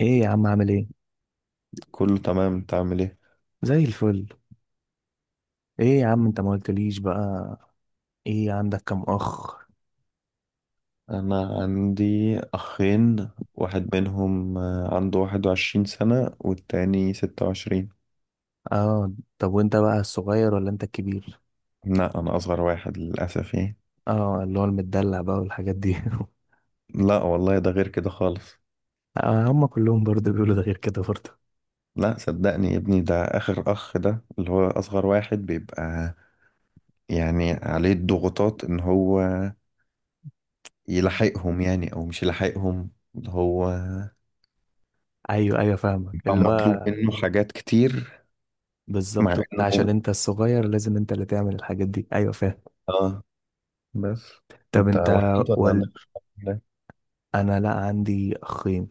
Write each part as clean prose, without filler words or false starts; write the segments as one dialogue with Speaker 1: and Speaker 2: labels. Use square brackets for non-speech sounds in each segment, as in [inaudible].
Speaker 1: ايه يا عم، عامل ايه؟
Speaker 2: كله تمام، انت عامل ايه؟
Speaker 1: زي الفل. ايه يا عم انت ما قلتليش بقى؟ ايه عندك كام اخ؟
Speaker 2: انا عندي اخين، واحد منهم عنده 21 سنة والتاني 26.
Speaker 1: اه. طب وانت بقى الصغير ولا انت الكبير؟
Speaker 2: لا انا اصغر واحد للاسف يعني.
Speaker 1: اه، اللي هو المدلع بقى والحاجات دي. [laughs]
Speaker 2: لا والله، ده غير كده خالص.
Speaker 1: آه، هم كلهم برضه بيقولوا ده غير كده برضه.
Speaker 2: لا صدقني يا ابني، ده اخر اخ، ده اللي هو اصغر واحد بيبقى. يعني عليه الضغوطات ان هو يلحقهم يعني او مش يلحقهم، اللي هو
Speaker 1: ايوه ايوه، فاهمك
Speaker 2: بيبقى
Speaker 1: اللي
Speaker 2: مطلوب
Speaker 1: هو
Speaker 2: منه حاجات كتير.
Speaker 1: بالظبط.
Speaker 2: مع
Speaker 1: وانت عشان
Speaker 2: انه
Speaker 1: انت الصغير لازم انت اللي تعمل الحاجات دي، ايوه فاهم.
Speaker 2: اه بس.
Speaker 1: طب
Speaker 2: انت
Speaker 1: انت
Speaker 2: وحيد ولا عندك؟
Speaker 1: والد؟ انا لا، عندي اخين.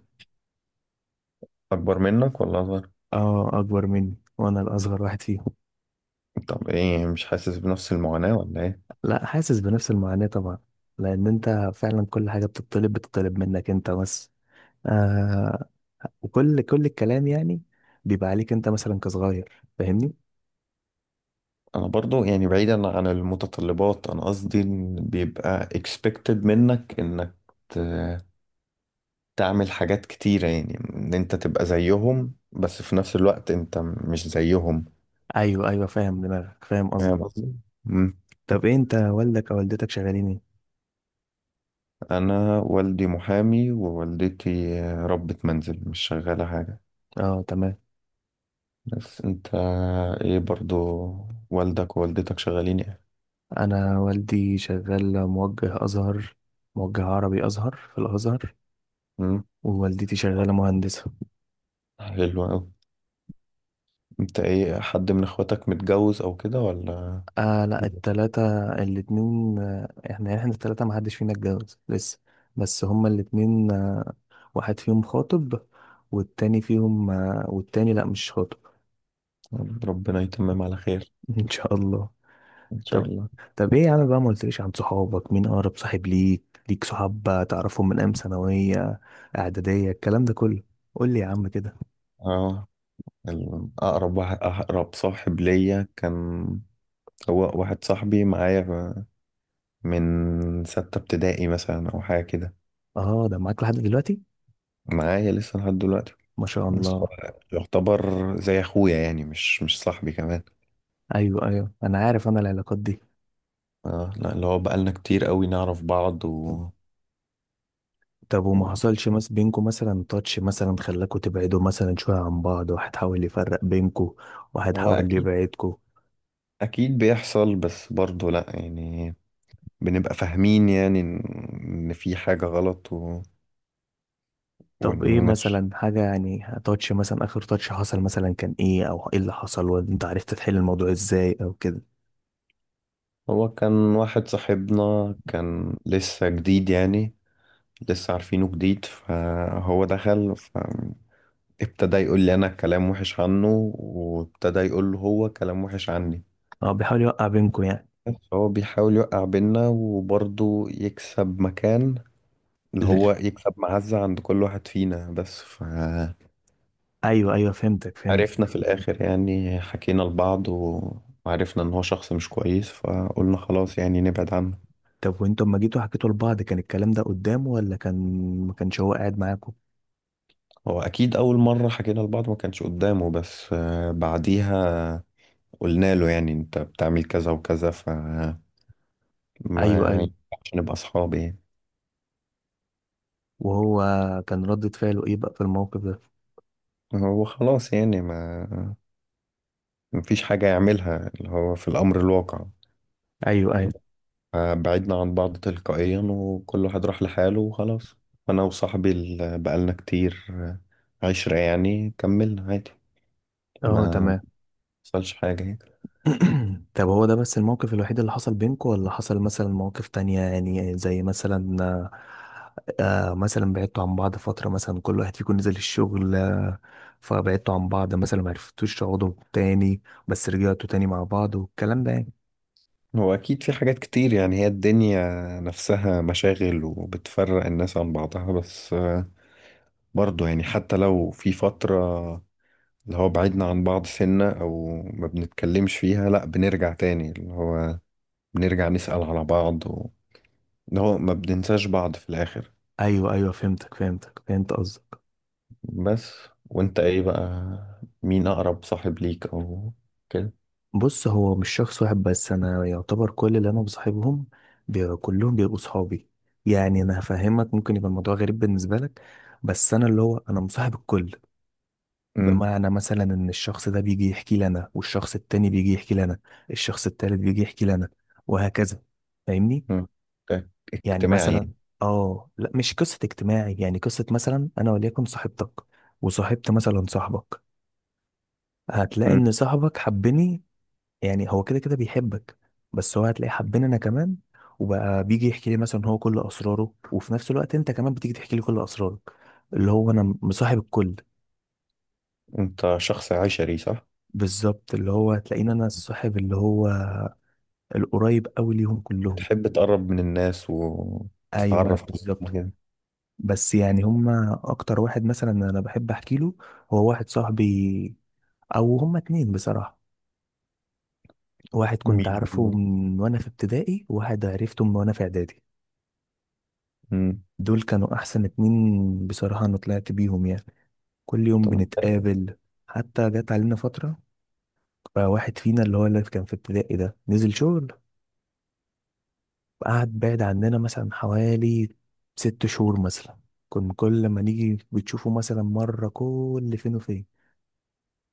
Speaker 2: اكبر منك ولا اصغر؟
Speaker 1: اه، اكبر مني وانا الاصغر واحد فيهم.
Speaker 2: طب ايه، مش حاسس بنفس المعاناة ولا ايه؟
Speaker 1: لا، حاسس بنفس المعاناة طبعا. لأن أنت فعلا كل حاجة بتطلب منك أنت بس. آه. وكل الكلام يعني بيبقى عليك أنت مثلا كصغير، فاهمني؟
Speaker 2: انا برضو يعني بعيدا عن المتطلبات، انا قصدي إن بيبقى expected منك انك ت- تعمل حاجات كتيرة، يعني ان انت تبقى زيهم بس في نفس الوقت انت مش زيهم.
Speaker 1: أيوه أيوه، فاهم دماغك فاهم قصدك.
Speaker 2: فاهم قصدي؟ مم.
Speaker 1: طب إيه أنت، والدك أو والدتك شغالين إيه؟
Speaker 2: انا والدي محامي ووالدتي ربة منزل مش شغالة حاجة.
Speaker 1: أه تمام.
Speaker 2: بس انت ايه برضو، والدك ووالدتك شغالين ايه؟
Speaker 1: أنا والدي شغال موجه أزهر، موجه عربي أزهر في الأزهر.
Speaker 2: مم.
Speaker 1: ووالدتي شغالة مهندسة.
Speaker 2: حلو أوي. انت ايه، حد من اخواتك متجوز او كده ولا؟
Speaker 1: آه لا،
Speaker 2: كله.
Speaker 1: التلاتة الاتنين إحنا التلاتة محدش فينا اتجوز لسه. بس هما الاتنين، واحد فيهم خاطب، والتاني فيهم، والتاني لا مش خاطب.
Speaker 2: ربنا يتمم على خير.
Speaker 1: [laughs] ان شاء الله.
Speaker 2: ان شاء
Speaker 1: طب،
Speaker 2: الله.
Speaker 1: طب ايه يا عم بقى، ما قلتليش عن صحابك؟ مين اقرب صاحب ليك؟ ليك صحاب تعرفهم من ايام ثانويه، اعداديه، الكلام ده كله؟ قول لي يا عم كده.
Speaker 2: اه اقرب صاحب ليا كان هو واحد صاحبي معايا من 6 ابتدائي مثلا او حاجة كده.
Speaker 1: اه، ده معاك لحد دلوقتي؟
Speaker 2: معايا لسه لحد دلوقتي.
Speaker 1: ما شاء
Speaker 2: بس هو
Speaker 1: الله.
Speaker 2: يعتبر زي اخويا، يعني مش صاحبي كمان.
Speaker 1: ايوه ايوه، انا عارف انا العلاقات دي.
Speaker 2: اه لا، اللي هو بقالنا كتير قوي نعرف بعض و...
Speaker 1: طب وما
Speaker 2: و...
Speaker 1: حصلش مس بينكم مثلا، تاتش مثلا خلاكوا تبعدوا مثلا شويه عن بعض، واحد حاول يفرق بينكوا، واحد
Speaker 2: هو
Speaker 1: حاول
Speaker 2: اكيد،
Speaker 1: يبعدكوا؟
Speaker 2: اكيد بيحصل بس برضه لا يعني بنبقى فاهمين يعني إن في حاجة غلط و.
Speaker 1: طب ايه
Speaker 2: ونش
Speaker 1: مثلا حاجة يعني، تاتش مثلا، اخر تاتش حصل مثلا كان ايه، او ايه اللي حصل وانت عرفت تحل الموضوع ازاي او كده؟
Speaker 2: هو كان واحد صاحبنا كان لسه جديد يعني، لسه عارفينه جديد فهو دخل فابتدى يقول لي أنا كلام وحش عنه وابتدى يقول له هو كلام وحش عني.
Speaker 1: اه بيحاول يوقع بينكم يعني.
Speaker 2: بس هو بيحاول يوقع بينا وبرضه يكسب مكان، اللي هو
Speaker 1: لر-
Speaker 2: يكسب معزة عند كل واحد فينا بس ف.
Speaker 1: ايوه ايوه، فهمتك فهمت.
Speaker 2: عرفنا في الآخر يعني حكينا لبعض وعرفنا إن هو شخص مش كويس، فقلنا خلاص يعني نبعد عنه.
Speaker 1: طب وانتوا لما جيتوا حكيتوا لبعض، كان الكلام ده قدامه، ولا كان ما كانش هو قاعد معاكم؟
Speaker 2: هو أكيد أول مرة حكينا لبعض ما كانش قدامه، بس بعديها قلنا له يعني أنت بتعمل كذا وكذا فما
Speaker 1: ايوه ايوه.
Speaker 2: ينفعش نبقى أصحاب يعني.
Speaker 1: وهو كان ردة فعله ايه بقى في الموقف ده؟
Speaker 2: هو خلاص يعني ما مفيش حاجة يعملها اللي هو في الأمر الواقع.
Speaker 1: ايوه ايوه.
Speaker 2: بعدنا عن بعض تلقائيا وكل واحد راح لحاله وخلاص. أنا وصاحبي اللي بقالنا كتير عشرة يعني كملنا عادي.
Speaker 1: اه
Speaker 2: ما
Speaker 1: تمام.
Speaker 2: حصلش حاجة يعني.
Speaker 1: [clears throat] طب هو ده بس الموقف الوحيد اللي حصل بينكم، ولا حصل مثلا مواقف تانية يعني، زي مثلا آه، مثلا بعدتوا عن بعض فترة مثلا، كل واحد فيكم نزل الشغل آه، فبعدتوا عن بعض مثلا معرفتوش تقعدوا تاني، بس رجعتوا تاني مع بعض والكلام ده يعني؟
Speaker 2: هو أكيد في حاجات كتير، يعني هي الدنيا نفسها مشاغل وبتفرق الناس عن بعضها، بس برضو يعني حتى لو في فترة اللي هو بعدنا عن بعض سنة أو ما بنتكلمش فيها، لأ بنرجع تاني، اللي هو بنرجع نسأل على بعض و. اللي هو ما بننساش بعض في الآخر.
Speaker 1: ايوه ايوه، فهمتك فهمتك فهمت قصدك.
Speaker 2: بس وأنت إيه بقى، مين أقرب صاحب ليك أو كده؟
Speaker 1: بص، هو مش شخص واحد بس، انا يعتبر كل اللي انا بصاحبهم كلهم بيبقوا صحابي. يعني انا هفهمك، ممكن يبقى الموضوع غريب بالنسبة لك، بس انا اللي هو انا مصاحب الكل.
Speaker 2: مم.
Speaker 1: بمعنى مثلا ان الشخص ده بيجي يحكي لنا، والشخص التاني بيجي يحكي لنا، الشخص التالت بيجي يحكي لنا، وهكذا. فاهمني؟
Speaker 2: مم.
Speaker 1: يعني
Speaker 2: اجتماعي
Speaker 1: مثلا،
Speaker 2: يعني.
Speaker 1: اه لا مش قصة اجتماعي، يعني قصة مثلا انا وليكن صاحبتك وصاحبت مثلا صاحبك، هتلاقي
Speaker 2: مم.
Speaker 1: ان صاحبك حبني. يعني هو كده كده بيحبك، بس هو هتلاقي حبني انا كمان. وبقى بيجي يحكي لي مثلا هو كل اسراره، وفي نفس الوقت انت كمان بتيجي تحكي لي كل اسرارك. اللي هو انا مصاحب الكل.
Speaker 2: أنت شخص عشري صح؟
Speaker 1: بالظبط، اللي هو تلاقيني انا الصاحب اللي هو القريب قوي ليهم كلهم.
Speaker 2: بتحب تقرب من الناس
Speaker 1: ايوه
Speaker 2: وتتعرف عليهم
Speaker 1: بالظبط.
Speaker 2: كده.
Speaker 1: بس يعني هما اكتر واحد مثلا انا بحب احكي له، هو واحد صاحبي، او هما اتنين بصراحه. واحد كنت
Speaker 2: مين
Speaker 1: عارفه
Speaker 2: هم؟
Speaker 1: من وانا في ابتدائي، وواحد عرفته من وانا في اعدادي.
Speaker 2: مم.
Speaker 1: دول كانوا احسن اتنين بصراحه، انا طلعت بيهم يعني كل يوم
Speaker 2: طب حلو.
Speaker 1: بنتقابل. حتى جت علينا فتره، بقى واحد فينا اللي هو اللي كان في ابتدائي ده نزل شغل، قعد بعد عننا مثلا حوالي 6 شهور مثلا. كنا كل ما نيجي بتشوفه مثلا مرة كل فين وفين.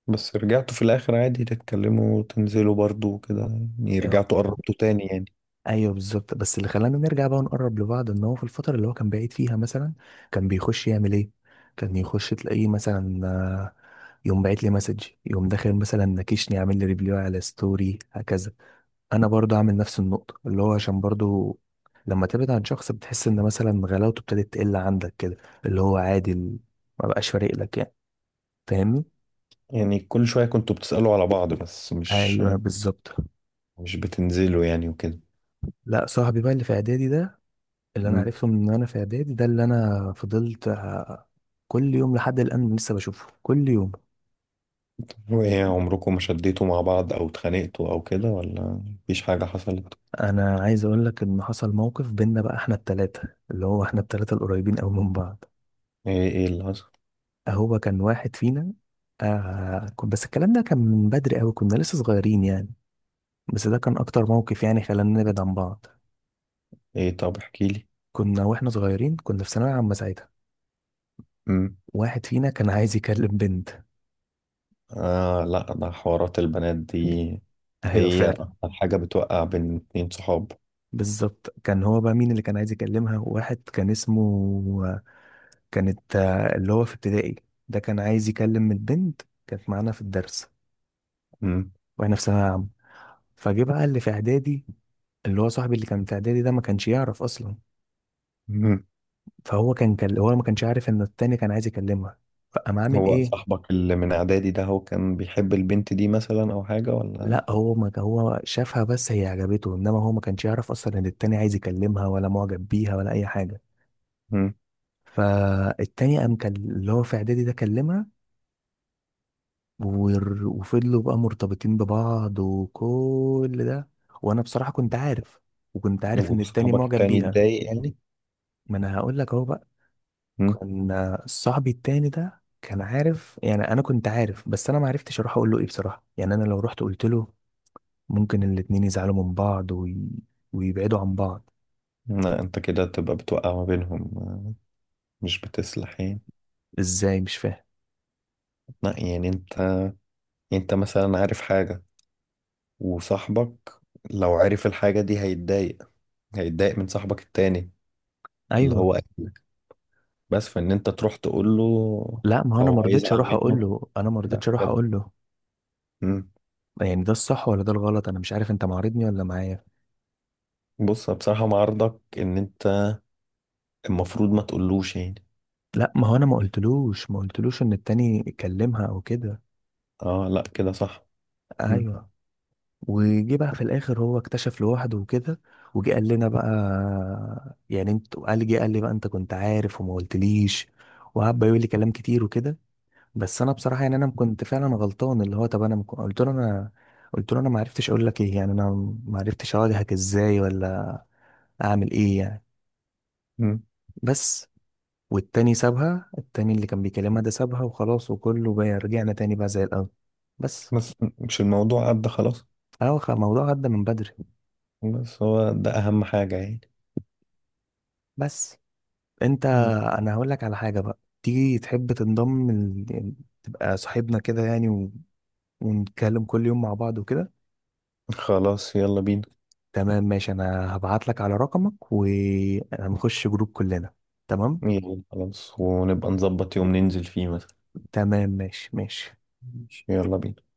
Speaker 2: بس رجعتوا في الآخر عادي تتكلموا وتنزلوا برضو وكده، يعني
Speaker 1: أيوة
Speaker 2: رجعتوا قربتوا تاني يعني.
Speaker 1: أيوة بالظبط. بس اللي خلانا نرجع بقى ونقرب لبعض، إن هو في الفترة اللي هو كان بعيد فيها مثلا، كان بيخش يعمل إيه؟ كان يخش تلاقيه مثلا يقوم باعت لي مسج، يقوم داخل مثلا نكشني، عامل لي ريبلاي على ستوري، هكذا. انا برضو عامل نفس النقطه، اللي هو عشان برضو لما تبعد عن شخص بتحس ان مثلا غلاوته ابتدت تقل عندك كده، اللي هو عادي ما بقاش فارق لك يعني. فاهمني؟
Speaker 2: يعني كل شوية كنتوا بتسألوا على بعض بس مش
Speaker 1: ايوه بالظبط.
Speaker 2: مش بتنزلوا يعني وكده.
Speaker 1: لا صاحبي بقى اللي في اعدادي ده، اللي انا
Speaker 2: مم.
Speaker 1: عرفته من وانا في اعدادي ده، اللي انا فضلت كل يوم لحد الان لسه بشوفه كل يوم.
Speaker 2: وإيه عمركم ما شديتوا مع بعض أو اتخانقتوا أو كده ولا مفيش حاجة حصلت؟
Speaker 1: انا عايز اقول لك ان حصل موقف بينا بقى احنا التلاتة، اللي هو احنا التلاتة القريبين قوي من بعض.
Speaker 2: إيه اللي حصل؟
Speaker 1: هو كان واحد فينا، آه بس الكلام ده كان من بدري قوي، كنا لسه صغيرين يعني. بس ده كان اكتر موقف يعني خلانا نبعد عن بعض.
Speaker 2: إيه طب احكيلي.
Speaker 1: كنا واحنا صغيرين، كنا في ثانوية عامة ساعتها. واحد فينا كان عايز يكلم بنت.
Speaker 2: آه لا، ده حوارات البنات دي
Speaker 1: [laughs] ايوه
Speaker 2: هي
Speaker 1: فعلا.
Speaker 2: أكتر حاجة بتوقع بين اتنين صحاب.
Speaker 1: بالظبط. كان هو بقى مين اللي كان عايز يكلمها؟ واحد كان اسمه، كانت اللي هو في ابتدائي ده كان عايز يكلم البنت، كانت معانا في الدرس
Speaker 2: مم.
Speaker 1: واحنا في ثانوية عامة. فجه بقى اللي في اعدادي، اللي هو صاحبي اللي كان في اعدادي ده، ما كانش يعرف اصلا.
Speaker 2: مم.
Speaker 1: فهو هو ما كانش عارف ان التاني كان عايز يكلمها، فقام عامل
Speaker 2: هو
Speaker 1: ايه؟
Speaker 2: صاحبك اللي من إعدادي ده هو كان بيحب البنت دي مثلا أو حاجة ولا؟
Speaker 1: لا هو، ما هو شافها بس هي عجبته، انما هو ما كانش يعرف اصلا ان التاني عايز يكلمها، ولا معجب بيها، ولا اي حاجه.
Speaker 2: مم.
Speaker 1: فالتاني قام كان اللي هو في اعدادي ده كلمها، وفضلوا بقى مرتبطين ببعض وكل ده. وانا بصراحه كنت عارف، وكنت عارف ان التاني
Speaker 2: وصاحبك
Speaker 1: معجب
Speaker 2: التاني
Speaker 1: بيها.
Speaker 2: اتضايق يعني.
Speaker 1: ما انا هقول لك اهو بقى،
Speaker 2: مم.
Speaker 1: كان صاحبي التاني ده كان عارف، يعني انا كنت عارف، بس انا ما عرفتش اروح اقول له ايه بصراحه، يعني انا لو رحت قلت له ممكن الاتنين يزعلوا من بعض ويبعدوا عن بعض.
Speaker 2: لا أنت كده تبقى بتوقع ما بينهم، مش بتصلح يعني.
Speaker 1: ازاي؟ مش فاهم.
Speaker 2: لا يعني أنت مثلا عارف حاجة. وصاحبك لو عرف الحاجة دي هيتضايق من صاحبك التاني اللي
Speaker 1: ايوه.
Speaker 2: هو بس فان انت تروح تقول له.
Speaker 1: لا ما هو انا ما
Speaker 2: فهو
Speaker 1: رضيتش
Speaker 2: هيزعل
Speaker 1: اروح اقول
Speaker 2: منه،
Speaker 1: له انا ما
Speaker 2: ده
Speaker 1: رضيتش اروح
Speaker 2: بجد.
Speaker 1: اقول له.
Speaker 2: مم.
Speaker 1: يعني ده الصح ولا ده الغلط؟ انا مش عارف، انت معارضني ولا معايا؟
Speaker 2: بص بصراحة مع عرضك ان انت المفروض ما تقولوش يعني.
Speaker 1: لا ما هو انا ما قلتلوش ان التاني يكلمها او كده.
Speaker 2: اه لا كده صح. مم.
Speaker 1: ايوه. وجي بقى في الاخر هو اكتشف لوحده وكده، وجي قال لنا بقى، يعني انت قال، جه قال لي بقى انت كنت عارف وما قلتليش، وقعد بقى يقول لي كلام كتير وكده. بس انا بصراحه يعني انا كنت فعلا غلطان، اللي هو، طب انا قلت له انا ما عرفتش اقول لك ايه، يعني انا ما عرفتش اواجهك ازاي، ولا اعمل ايه يعني.
Speaker 2: مم.
Speaker 1: بس. والتاني سابها، التاني اللي كان بيكلمها ده سابها وخلاص، وكله بقى رجعنا تاني بقى زي الاول. بس.
Speaker 2: بس مش الموضوع عدى خلاص.
Speaker 1: هو الموضوع عدى من بدري.
Speaker 2: بس هو ده اهم حاجة يعني.
Speaker 1: بس انت،
Speaker 2: مم.
Speaker 1: انا هقول لك على حاجه بقى، تيجي تحب تنضم تبقى صاحبنا كده يعني ونتكلم كل يوم مع بعض وكده.
Speaker 2: خلاص يلا بينا.
Speaker 1: تمام ماشي، انا هبعت لك على رقمك ونخش جروب كلنا. تمام
Speaker 2: يلا خلاص ونبقى نظبط يوم ننزل فيه مثلا.
Speaker 1: تمام، ماشي ماشي.
Speaker 2: ماشي، يلا بينا.